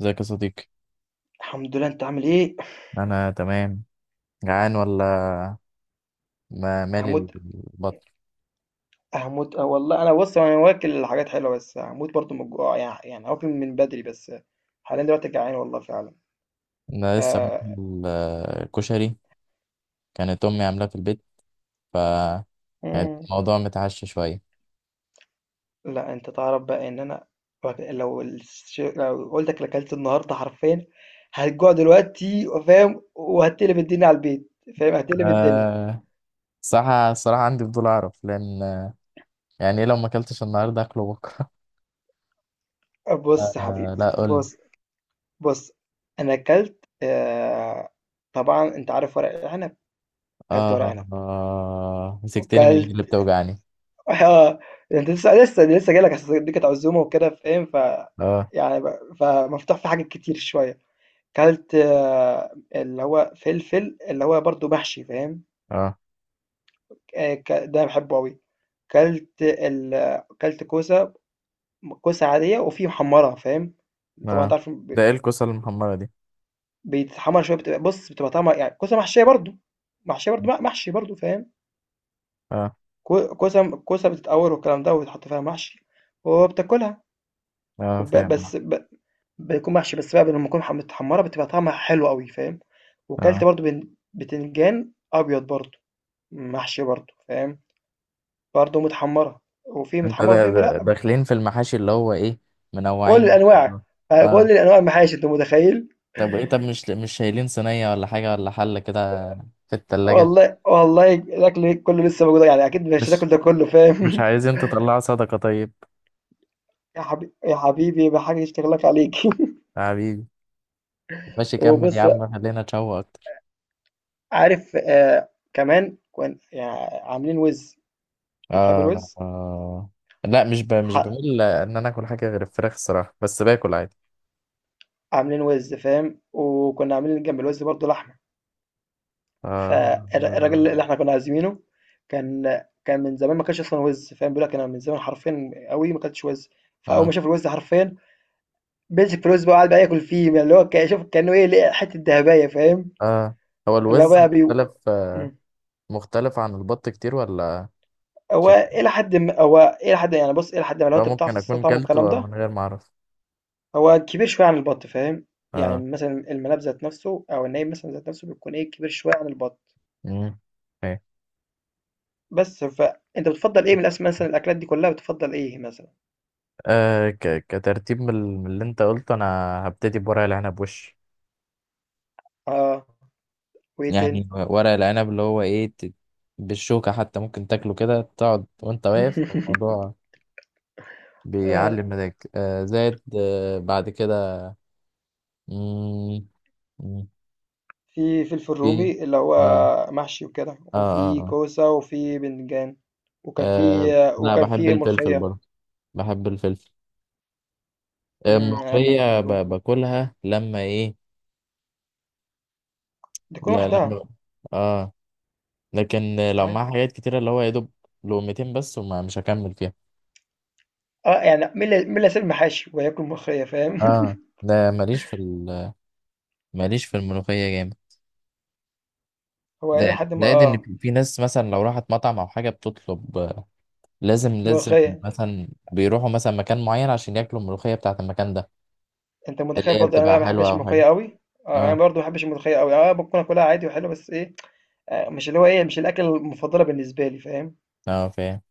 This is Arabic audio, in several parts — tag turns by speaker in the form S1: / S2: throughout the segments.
S1: ازيك يا صديقي؟
S2: الحمد لله، انت عامل ايه؟
S1: انا تمام. جعان ولا؟ ما مالي
S2: هموت
S1: البطن.
S2: هموت اه والله، انا، بص، انا واكل حاجات حلوه، بس هموت برضو من الجوع. يعني واكل من بدري بس. حاليا دلوقتي جعان والله فعلا.
S1: انا لسه
S2: آه.
S1: باكل. آه، كشري. كانت امي عاملاه في البيت. ف يعني
S2: مم.
S1: الموضوع متعشى شويه.
S2: لا، انت تعرف بقى ان انا لو قلت لك اكلت النهارده حرفيا هتجوع دلوقتي، فاهم؟ وهتقلب الدنيا على البيت، فاهم؟ هتقلب الدنيا.
S1: أه، صراحة الصراحة عندي فضول أعرف لأن يعني إيه لو ما أكلتش النهاردة أكله بكرة؟
S2: بص يا
S1: أه،
S2: حبيبي.
S1: لا، قول لي.
S2: بص. بص. انا اكلت، آه. طبعا انت عارف ورق العنب. اكلت ورق
S1: أه،
S2: عنب،
S1: مسكتني من إيدي اللي
S2: وكلت.
S1: بتوجعني.
S2: اه انت لسه جاي لك، اصل دي كانت عزومه وكده، فاهم؟
S1: أه.
S2: فمفتوح في حاجات كتير شويه. كلت، اللي هو فلفل، اللي هو برضو محشي، فاهم.
S1: أه.
S2: ده بحبه قوي. كلت كوسه، كوسه عاديه، وفي محمره، فاهم. طبعا انت
S1: أه،
S2: عارف،
S1: ده إيه الكوسة المحمرة دي؟
S2: بيتحمر شويه، بتبقى طعمها، يعني كوسه محشيه برضو، محشيه برضو، محشي برضو، فاهم.
S1: أه،
S2: كوسه بتتقور والكلام ده، وبتحط فيها محشي وبتاكلها.
S1: أه
S2: وب
S1: فاهم.
S2: بس ب بيكون محشي، بس بقى لمّا تكون متحمّرة بتبقى طعمها حلو أوي، فاهم.
S1: أه،
S2: وكلت
S1: آه.
S2: برضه بتنجان أبيض برضه، محشي برضه، فاهم. برضه متحمّرة، وفي
S1: انت
S2: متحمّرة،
S1: ده
S2: وفي
S1: ده
S2: لأ،
S1: داخلين في المحاشي اللي هو ايه؟
S2: كل
S1: منوعين ما شاء
S2: الأنواع.
S1: الله.
S2: يعني
S1: اه.
S2: كل الأنواع المحاشي، أنت متخيّل؟
S1: طب ايه، مش شايلين صينية ولا حاجة ولا حلة كده في التلاجة؟
S2: والله والله الأكل كُلّه لسه موجود، يعني أكيد مش
S1: مش
S2: هتاكل ده كُلّه،
S1: مش
S2: فاهم.
S1: عايزين تطلعوا صدقة طيب؟
S2: يا حبيبي بحاجة تشتغل لك عليك.
S1: يا حبيبي، ماشي كمل يا
S2: وبُص بقى،
S1: عم، خلينا نتشوق اكتر.
S2: عارف، كمان يعني عاملين وِز. بتحب
S1: آه،
S2: الوِز؟
S1: اه. لا، مش
S2: ح
S1: بميل ان انا اكل حاجة غير الفراخ الصراحة، بس باكل عادي.
S2: عاملين وِز، فاهم. وكنا عاملين جنب الوِز برضه لحمة.
S1: اه،
S2: الراجل اللي
S1: اه،
S2: إحنا كنا عازمينه كان كان من زمان ما كانش أصلًا وِز، فاهم. بيقول لك: أنا من زمان حرفيًا أوي ما كلتش وِز. فأول ما
S1: اه،
S2: شاف الوِز حرفيًا مسك في الوِز بقى، وقعد بقى ياكل فيه، ما اللي هو، شوف كأنه إيه، لقى حتة دهباية، فاهم.
S1: آه. هو
S2: اللي هو
S1: الوز
S2: بقى بيو
S1: مختلف،
S2: إمم،
S1: مختلف عن البط كتير ولا؟
S2: هو
S1: عشان
S2: إلى حدٍ ما، هو إلى حدٍ يعني بُص إلى حدٍ ما لو
S1: هو
S2: أنت بتعرف
S1: ممكن اكون
S2: تستطعمه والكلام
S1: كلته
S2: ده.
S1: من غير ما اعرف.
S2: هو كبير شوية عن البَط، فاهم.
S1: اه.
S2: يعني مثلًا المناب ذات نفسه، أو النايم مثلًا ذات نفسه، بيكون إيه، كبير شوية عن البَط.
S1: مم. أوكي.
S2: بس فأنت بتفضّل إيه من مثلًا، الأكلات دي كلّها بتفضّل إيه مثلًا؟
S1: أه، كترتيب من من اللي انت قلته، انا هبتدي بورق العنب
S2: آه. وإيه تاني؟
S1: يعني ورق العنب اللي هو ايه، بالشوكة حتى ممكن تاكله كده، تقعد وانت واقف. الموضوع
S2: آه،
S1: بيعلي مزاجك. زائد بعد كده. مم، مم،
S2: في فلفل
S1: في
S2: رومي اللي هو
S1: اه،
S2: محشي وكده،
S1: اه، اه،
S2: وفي
S1: آه.
S2: كوسة، وفي بتنجان، وكان في
S1: آه، لا،
S2: وكان
S1: بحب
S2: في
S1: الفلفل
S2: ملوخية.
S1: برضه. بحب الفلفل. آه،
S2: إمم.
S1: الملوخية باكلها لما ايه.
S2: دي كل
S1: لا،
S2: واحدة.
S1: لما اه، لكن لو
S2: صحيح.
S1: معاه حاجات كتيرة، اللي هو يا دوب لقمتين بس وما مش هكمل فيها.
S2: آه، يعني مين اللي، مين اللي هيسيب المحاشي وهياكل ملوخية، فاهم؟
S1: اه، ده ماليش في ماليش في الملوخية جامد.
S2: هو
S1: ده،
S2: إلى حدٍ ما،
S1: زائد ان
S2: آه.
S1: في ناس مثلا لو راحت مطعم او حاجة بتطلب لازم لازم
S2: ملوخية.
S1: مثلا بيروحوا مثلا مكان معين عشان ياكلوا الملوخية بتاعة المكان ده،
S2: أنت
S1: اللي
S2: متخيل
S1: هي
S2: برضه أنا بقى
S1: بتبقى
S2: ما
S1: حلوة
S2: باحبش
S1: او
S2: الملوخية
S1: حاجة.
S2: أوي. آه. أنا
S1: اه،
S2: برضه ما باحبش الملوخية أوي. آه، ممكن آكلها عادي وحلو، بس إيه، آه، مش اللي هو ايه، مش الاكله المفضله بالنسبه لي، فاهم.
S1: اه فاهم.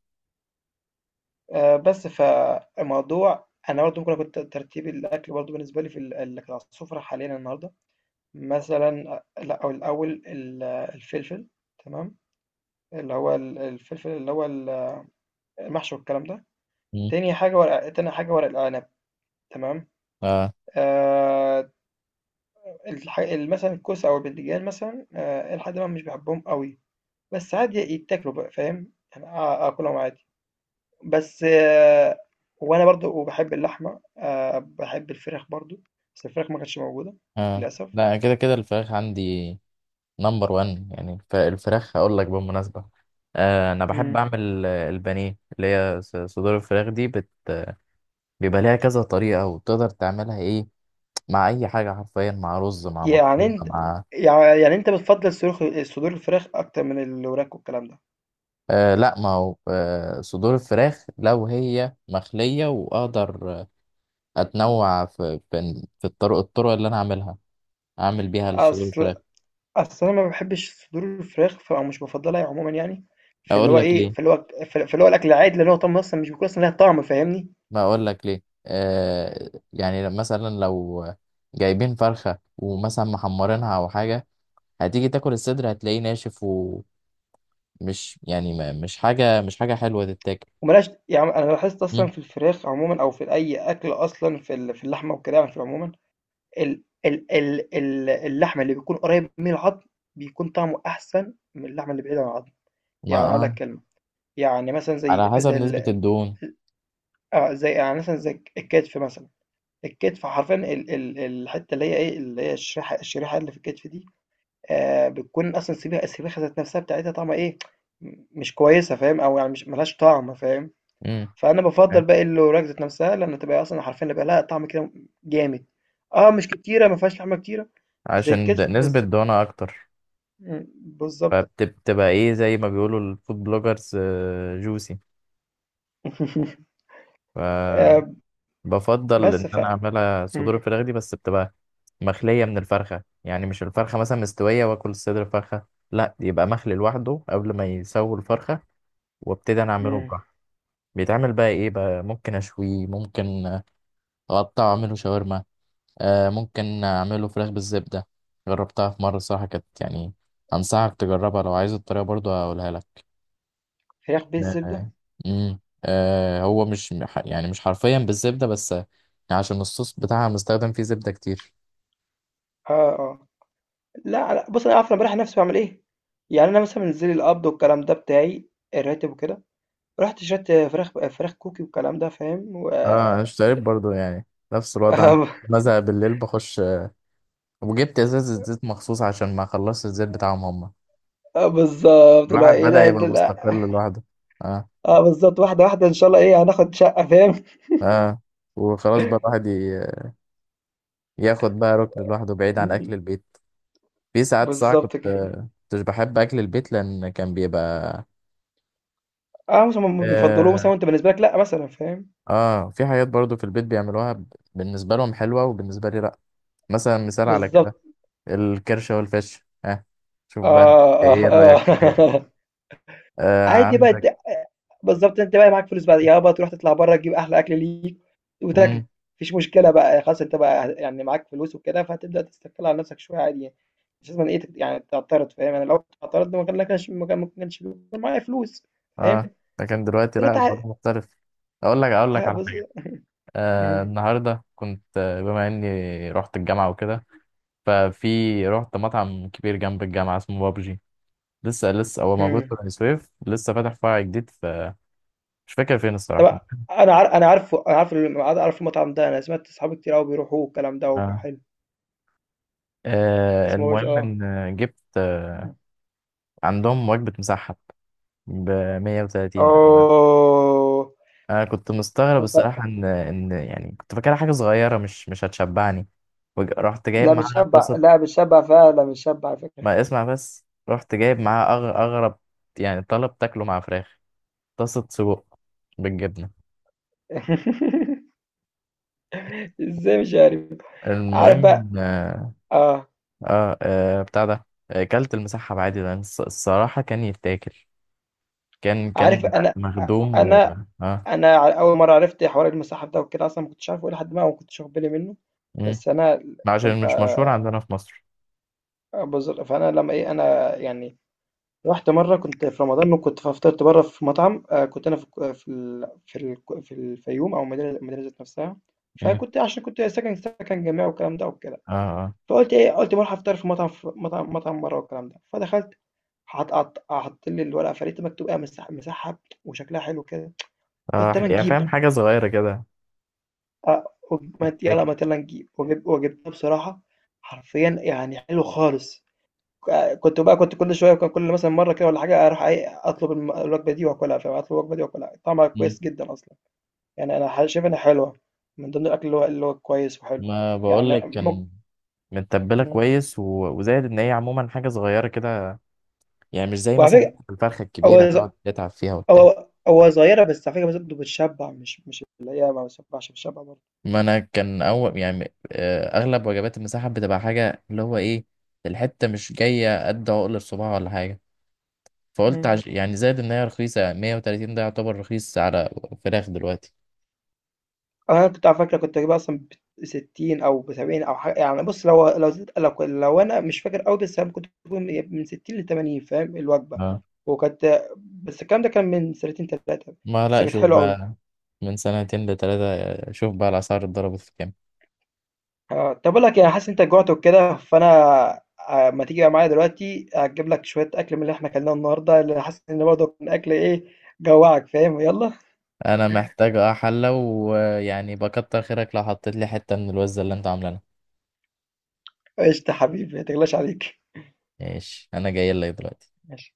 S2: آه، بس فالموضوع انا برضه ممكن اكون ترتيب الاكل برضه بالنسبه لي في اللي كانت على السفره حاليا النهارده، مثلا. آه، لا، او الاول الفلفل، تمام، اللي هو الفلفل اللي هو المحشي والكلام ده.
S1: مم.
S2: تاني حاجه ورق، تاني حاجه ورق العنب، تمام.
S1: اه.
S2: آه، مثلا الكوسه او البتنجان مثلا، آه، لحد ما مش بحبهم قوي، بس عادي يتاكلوا بقى، فاهم. يعني اكلهم عادي، بس وأنا برضه، وباحب اللحمة. باحب الفراخ برضه، بس الفراخ ما كانتش موجودة
S1: اه،
S2: للأسف.
S1: لا، كده كده الفراخ عندي نمبر وان. يعني الفراخ هقول لك بالمناسبة، آه، انا بحب
S2: إمم.
S1: اعمل البانيه اللي هي صدور الفراخ دي، بيبقى ليها كذا طريقة وتقدر تعملها ايه، مع اي حاجة حرفيا، مع رز مع
S2: يعني
S1: مكرونة
S2: أنت،
S1: مع...
S2: يعني أنت بتفضّل صدور الفراخ أكتر من الوراك والكلام ده.
S1: آه، لا، ما هو صدور الفراخ لو هي مخلية واقدر اتنوع في في الطرق اللي انا اعملها، اعمل بيها صدور
S2: أصل
S1: الفراخ.
S2: أصل أنا ما باحبش صدور الفراخ، ف أو مش بافضّلها عمومًا يعني. فاللي
S1: اقول
S2: هو
S1: لك
S2: إيه،
S1: ليه.
S2: فاللي هو ف فاللي هو الأكل العادي اللي هو طعمه أصلًا مش بيكون أصلًا ليها طعم، فاهمني.
S1: ما اقول لك ليه، يعني مثلا لو جايبين فرخة ومثلا محمرينها او حاجة، هتيجي تاكل الصدر هتلاقيه ناشف، ومش يعني ما مش حاجة حلوة تتاكل.
S2: وما لهاش يعني، أنا لاحظت أصلًا
S1: مم.
S2: في الفراخ عمومًا، أو في أي أكل أصلًا، في ال في اللحمة والكلام، في عمومًا، ال اللحم اللي بيكون قريب من العضم بيكون طعمه أحسن من اللحمة اللي بعيدة عن العضم.
S1: ما
S2: يعني هاقول لك
S1: اه،
S2: كلمة. يعني مثلًا زي
S1: على حسب
S2: زي
S1: نسبة
S2: ال
S1: الدهون.
S2: آه، زي يعني مثلًا زي الكتف مثلًا. الكتف حرفيًا، ال ال الحتة اللي هي إيه، اللي هي الشريحة اللي في الكتف دي، بتكون أصلًا، السبيخة ذات نفسها بتاعتها طعمها إيه، مش كويسة، فاهم. أو يعني مش، ما لهاش طعم، فاهم.
S1: امم.
S2: فأنا
S1: أوكي.
S2: بافضّل بقى الوراك ذات نفسها لمّا تبقى أصلًا حرفيًا يبقى لها طعم كده جامد. آه، مش كتيرة، ما فيهاش لحمة كتيرة زي
S1: عشان
S2: الكتف
S1: نسبة
S2: بس.
S1: دهونها أكتر،
S2: إمم، بالضبط.
S1: فبتبقى إيه، زي ما بيقولوا الفود بلوجرز، جوسي.
S2: آآ
S1: فبفضل
S2: بس
S1: إن
S2: ف.
S1: أنا أعملها صدور
S2: إمم.
S1: الفراخ دي، بس بتبقى مخلية من الفرخة، يعني مش الفرخة مثلا مستوية وآكل صدر الفرخة، لا، يبقى مخلي لوحده قبل ما يسوي الفرخة، وابتدي أنا أعمله
S2: إمم.
S1: براحتي. بيتعمل بقى إيه بقى، ممكن أشويه، ممكن أقطعه أعمله شاورما، آه، ممكن اعمله فراخ بالزبدة. جربتها في مرة صراحة كانت يعني، انصحك تجربها. لو عايز الطريقة برضو هقولها لك.
S2: فراخ بالزبدة؟
S1: آه. مم. آه، هو مش، يعني مش حرفيا بالزبدة بس عشان الصوص بتاعها مستخدم فيه زبدة كتير.
S2: آه، آه. لأ، لأ، بُصّي، أنا عارف أنا باريّح نَفْسي باعمل إيه. يعني أنا مثلًا بانزل القبض والكلام ده بتاعي، الراتب وكده. رُحت شريت فراخ كوكي والكلام ده، فاهم، و
S1: اه، انا اشتريت
S2: ال.
S1: برضو يعني نفس الوضع.
S2: آه،
S1: بزهق بالليل بخش وجبت ازازة زيت مخصوص عشان ما خلصت الزيت بتاعهم هما.
S2: آه بالضبط، اللي هو
S1: الواحد
S2: إيه، ده
S1: بدأ
S2: إيه
S1: يبقى
S2: ده، لأ.
S1: مستقل لوحده. اه،
S2: آه بالضبط، واحدة، واحدة إن شاء الله إيه، هناخد شقة، فاهم.
S1: اه. وخلاص بقى الواحد ياخد بقى ركن لوحده بعيد عن
S2: إمم،
S1: اكل البيت. في ساعات صح كنت
S2: بالضبط كده.
S1: كنتش بحب اكل البيت لان كان بيبقى
S2: آه، مثلًا هُم بيفضّلوه
S1: اه،
S2: مثلًا، وأنت بالنسبة لك لأ مثلًا، فاهم.
S1: في حاجات برضو في البيت بيعملوها، بالنسبه لهم حلوه وبالنسبه لي لا. مثلا، مثال على كده
S2: بالضبط.
S1: الكرشه والفش. ها، شوف بقى أنت
S2: آه،
S1: ايه
S2: آه،
S1: رايك في كده.
S2: آه.
S1: آه
S2: عادي بقى،
S1: عندك.
S2: بالضبط، أنت بقى معاك فلوس بقى، يابا تروح تطلع برّه، تجيب أحلى أكل ليك وتاكله، ما
S1: امم.
S2: فيش مشكلة بقى، خلاص. أنت بقى يعني معاك فلوس وكده، فهتبدأ تستقل على نفْسك شوية، عادي يعني. مش لازمًا إيه، يعني تعترض، فاهم. أنا لو اعترضت ما كانش بيكون معايا فلوس، فاهم.
S1: اه، لكن دلوقتي لا،
S2: دلوقتي،
S1: الموضوع مختلف. اقول لك
S2: آه
S1: على حاجه. آه،
S2: إمم.
S1: النهارده كنت بما اني رحت الجامعه وكده، رحت مطعم كبير جنب الجامعه اسمه بابجي. لسه هو موجود
S2: إمم.
S1: في بني سويف، لسه فاتح فرع جديد في، مش فاكر فين
S2: طب
S1: الصراحة.
S2: أنا أنا عارف عارف المطعم ده. أنا سمعت صحابي كتير أوي بيروحوه والكلام ده، وب
S1: آه.
S2: حلو.
S1: آه،
S2: اسمه
S1: المهم
S2: آه.
S1: إن جبت عندهم وجبة مسحب ب 130. أنا
S2: آه،
S1: أنا كنت مستغرب الصراحة، إن يعني كنت فاكرها حاجة صغيرة، مش هتشبعني، رحت جايب
S2: لأ
S1: معاها
S2: بتشبع،
S1: طاسة.
S2: لأ بتشبع فعلًا، بتشبع على فكرة.
S1: ما اسمع بس، رحت جايب معاها أغرب يعني طلب تاكله مع فراخ، طاسة سجق بالجبنة.
S2: ازاي مش عارف. عارف
S1: المهم،
S2: بقى. اه.
S1: اه، بتاع ده، كلت المسحب عادي لان الصراحة كان يتاكل، كان
S2: عارف
S1: كان مخدوم و
S2: انا
S1: اه،
S2: اول مره عرفت حوار المصحف ده وكده، اصلا ما كنتش عارفه ايه لحد ما، ما كنتش واخد بالي منه.
S1: مم.
S2: بس انا
S1: عشان
S2: كنت
S1: مش مشهور عندنا في مصر.
S2: بزر، فانا لما ايه، انا يعني رحت مره كنت في رمضان، وكنت فطرت بره في مطعم، آه، كنت انا في الك- في ال في, ال في الفيوم او المدينه المدينه ذات نفسها.
S1: مم.
S2: فكنت، عشان كنت ساكن سكن جامعي والكلام ده.
S1: اه، اه،
S2: فقُلت إيه، قُلت باروح أفطر في مطعم، ف مطعم برّه والكلام ده. فدخلت، حط لي الورقة، فلقيت مكتوب إيه، مسحّب. وشكلها حلو كده. قُلت
S1: اه،
S2: أمّا
S1: يعني
S2: نجيب
S1: فاهم،
S2: بقى.
S1: حاجة صغيرة كده
S2: آه، وب- ما ت يالّا
S1: تتاكل.
S2: ما ت يالّا نجيب. وجبت وجبتها، بصراحة حرفيًا يعني حلو خالص. ك كنت بقى كنت كل شوية ك كل مثلًا مرّة كده والّا حاجة أروح إيه، أطلب الوجبة دي وآكلها، فاهم، أطلب الوجبة دي وآكلها. طعمها
S1: مم.
S2: كويس جدًا أصلًا، يعني أنا شايف إنها حلوة، من ضمن الأكل اللي هو اللي هو كويس وحلو،
S1: ما
S2: يعني
S1: بقولك كان متبلة
S2: إمم.
S1: كويس و... وزائد ان هي عموما حاجة صغيرة كده، يعني مش زي
S2: وعلى
S1: مثلا
S2: فكرة،
S1: الفرخة الكبيرة
S2: هو ز
S1: تقعد تتعب فيها وبتاع.
S2: هو هو صغيرة، بس على فكرة برضه بتشبع، مش مش اللي هي ما بتشبعش، بتشبع برضه.
S1: ما انا كان اول، يعني اغلب وجبات المساحه بتبقى حاجه اللي هو ايه، الحته مش جايه قد عقل الصباع ولا حاجه. فقلت
S2: مم.
S1: يعني زائد ان هي رخيصه، 130 ده يعتبر رخيص على فراخ دلوقتي.
S2: أنا كنت على فكرة كنت بجيبها أصلا ب60 أو ب70 أو حاجة، يعني بص، لو لو زدت لو، لو أنا مش فاكر أوي، بس أنا كنت بجيبهم من 60 ل80، فاهم، الوجبة.
S1: اه،
S2: وكانت، بس الكلام ده كان من سنتين 3،
S1: ما
S2: بس
S1: لا،
S2: كانت
S1: شوف
S2: حلوة أوي.
S1: بقى. من سنتين لتلاتة، شوف بقى الاسعار اتضربت في كام.
S2: آه، طب أقول لك، يعني حاسس إن أنت جوعت وكده، فأنا آه، ما تيجي بقى معايا دلوقتي أجيب لك شوية أكل من اللي إحنا أكلناه النهاردة، اللي حاسس إن برضه كان أكل إيه، جوعك، فاهم، يلا.
S1: انا محتاج اه حله، ويعني بكتر خيرك لو حطيت لي حته من الوزه اللي انت عاملها.
S2: قشطة حبيبي، ما تغلاش عليك.
S1: ماشي، انا جاي لك دلوقتي.
S2: ماشي.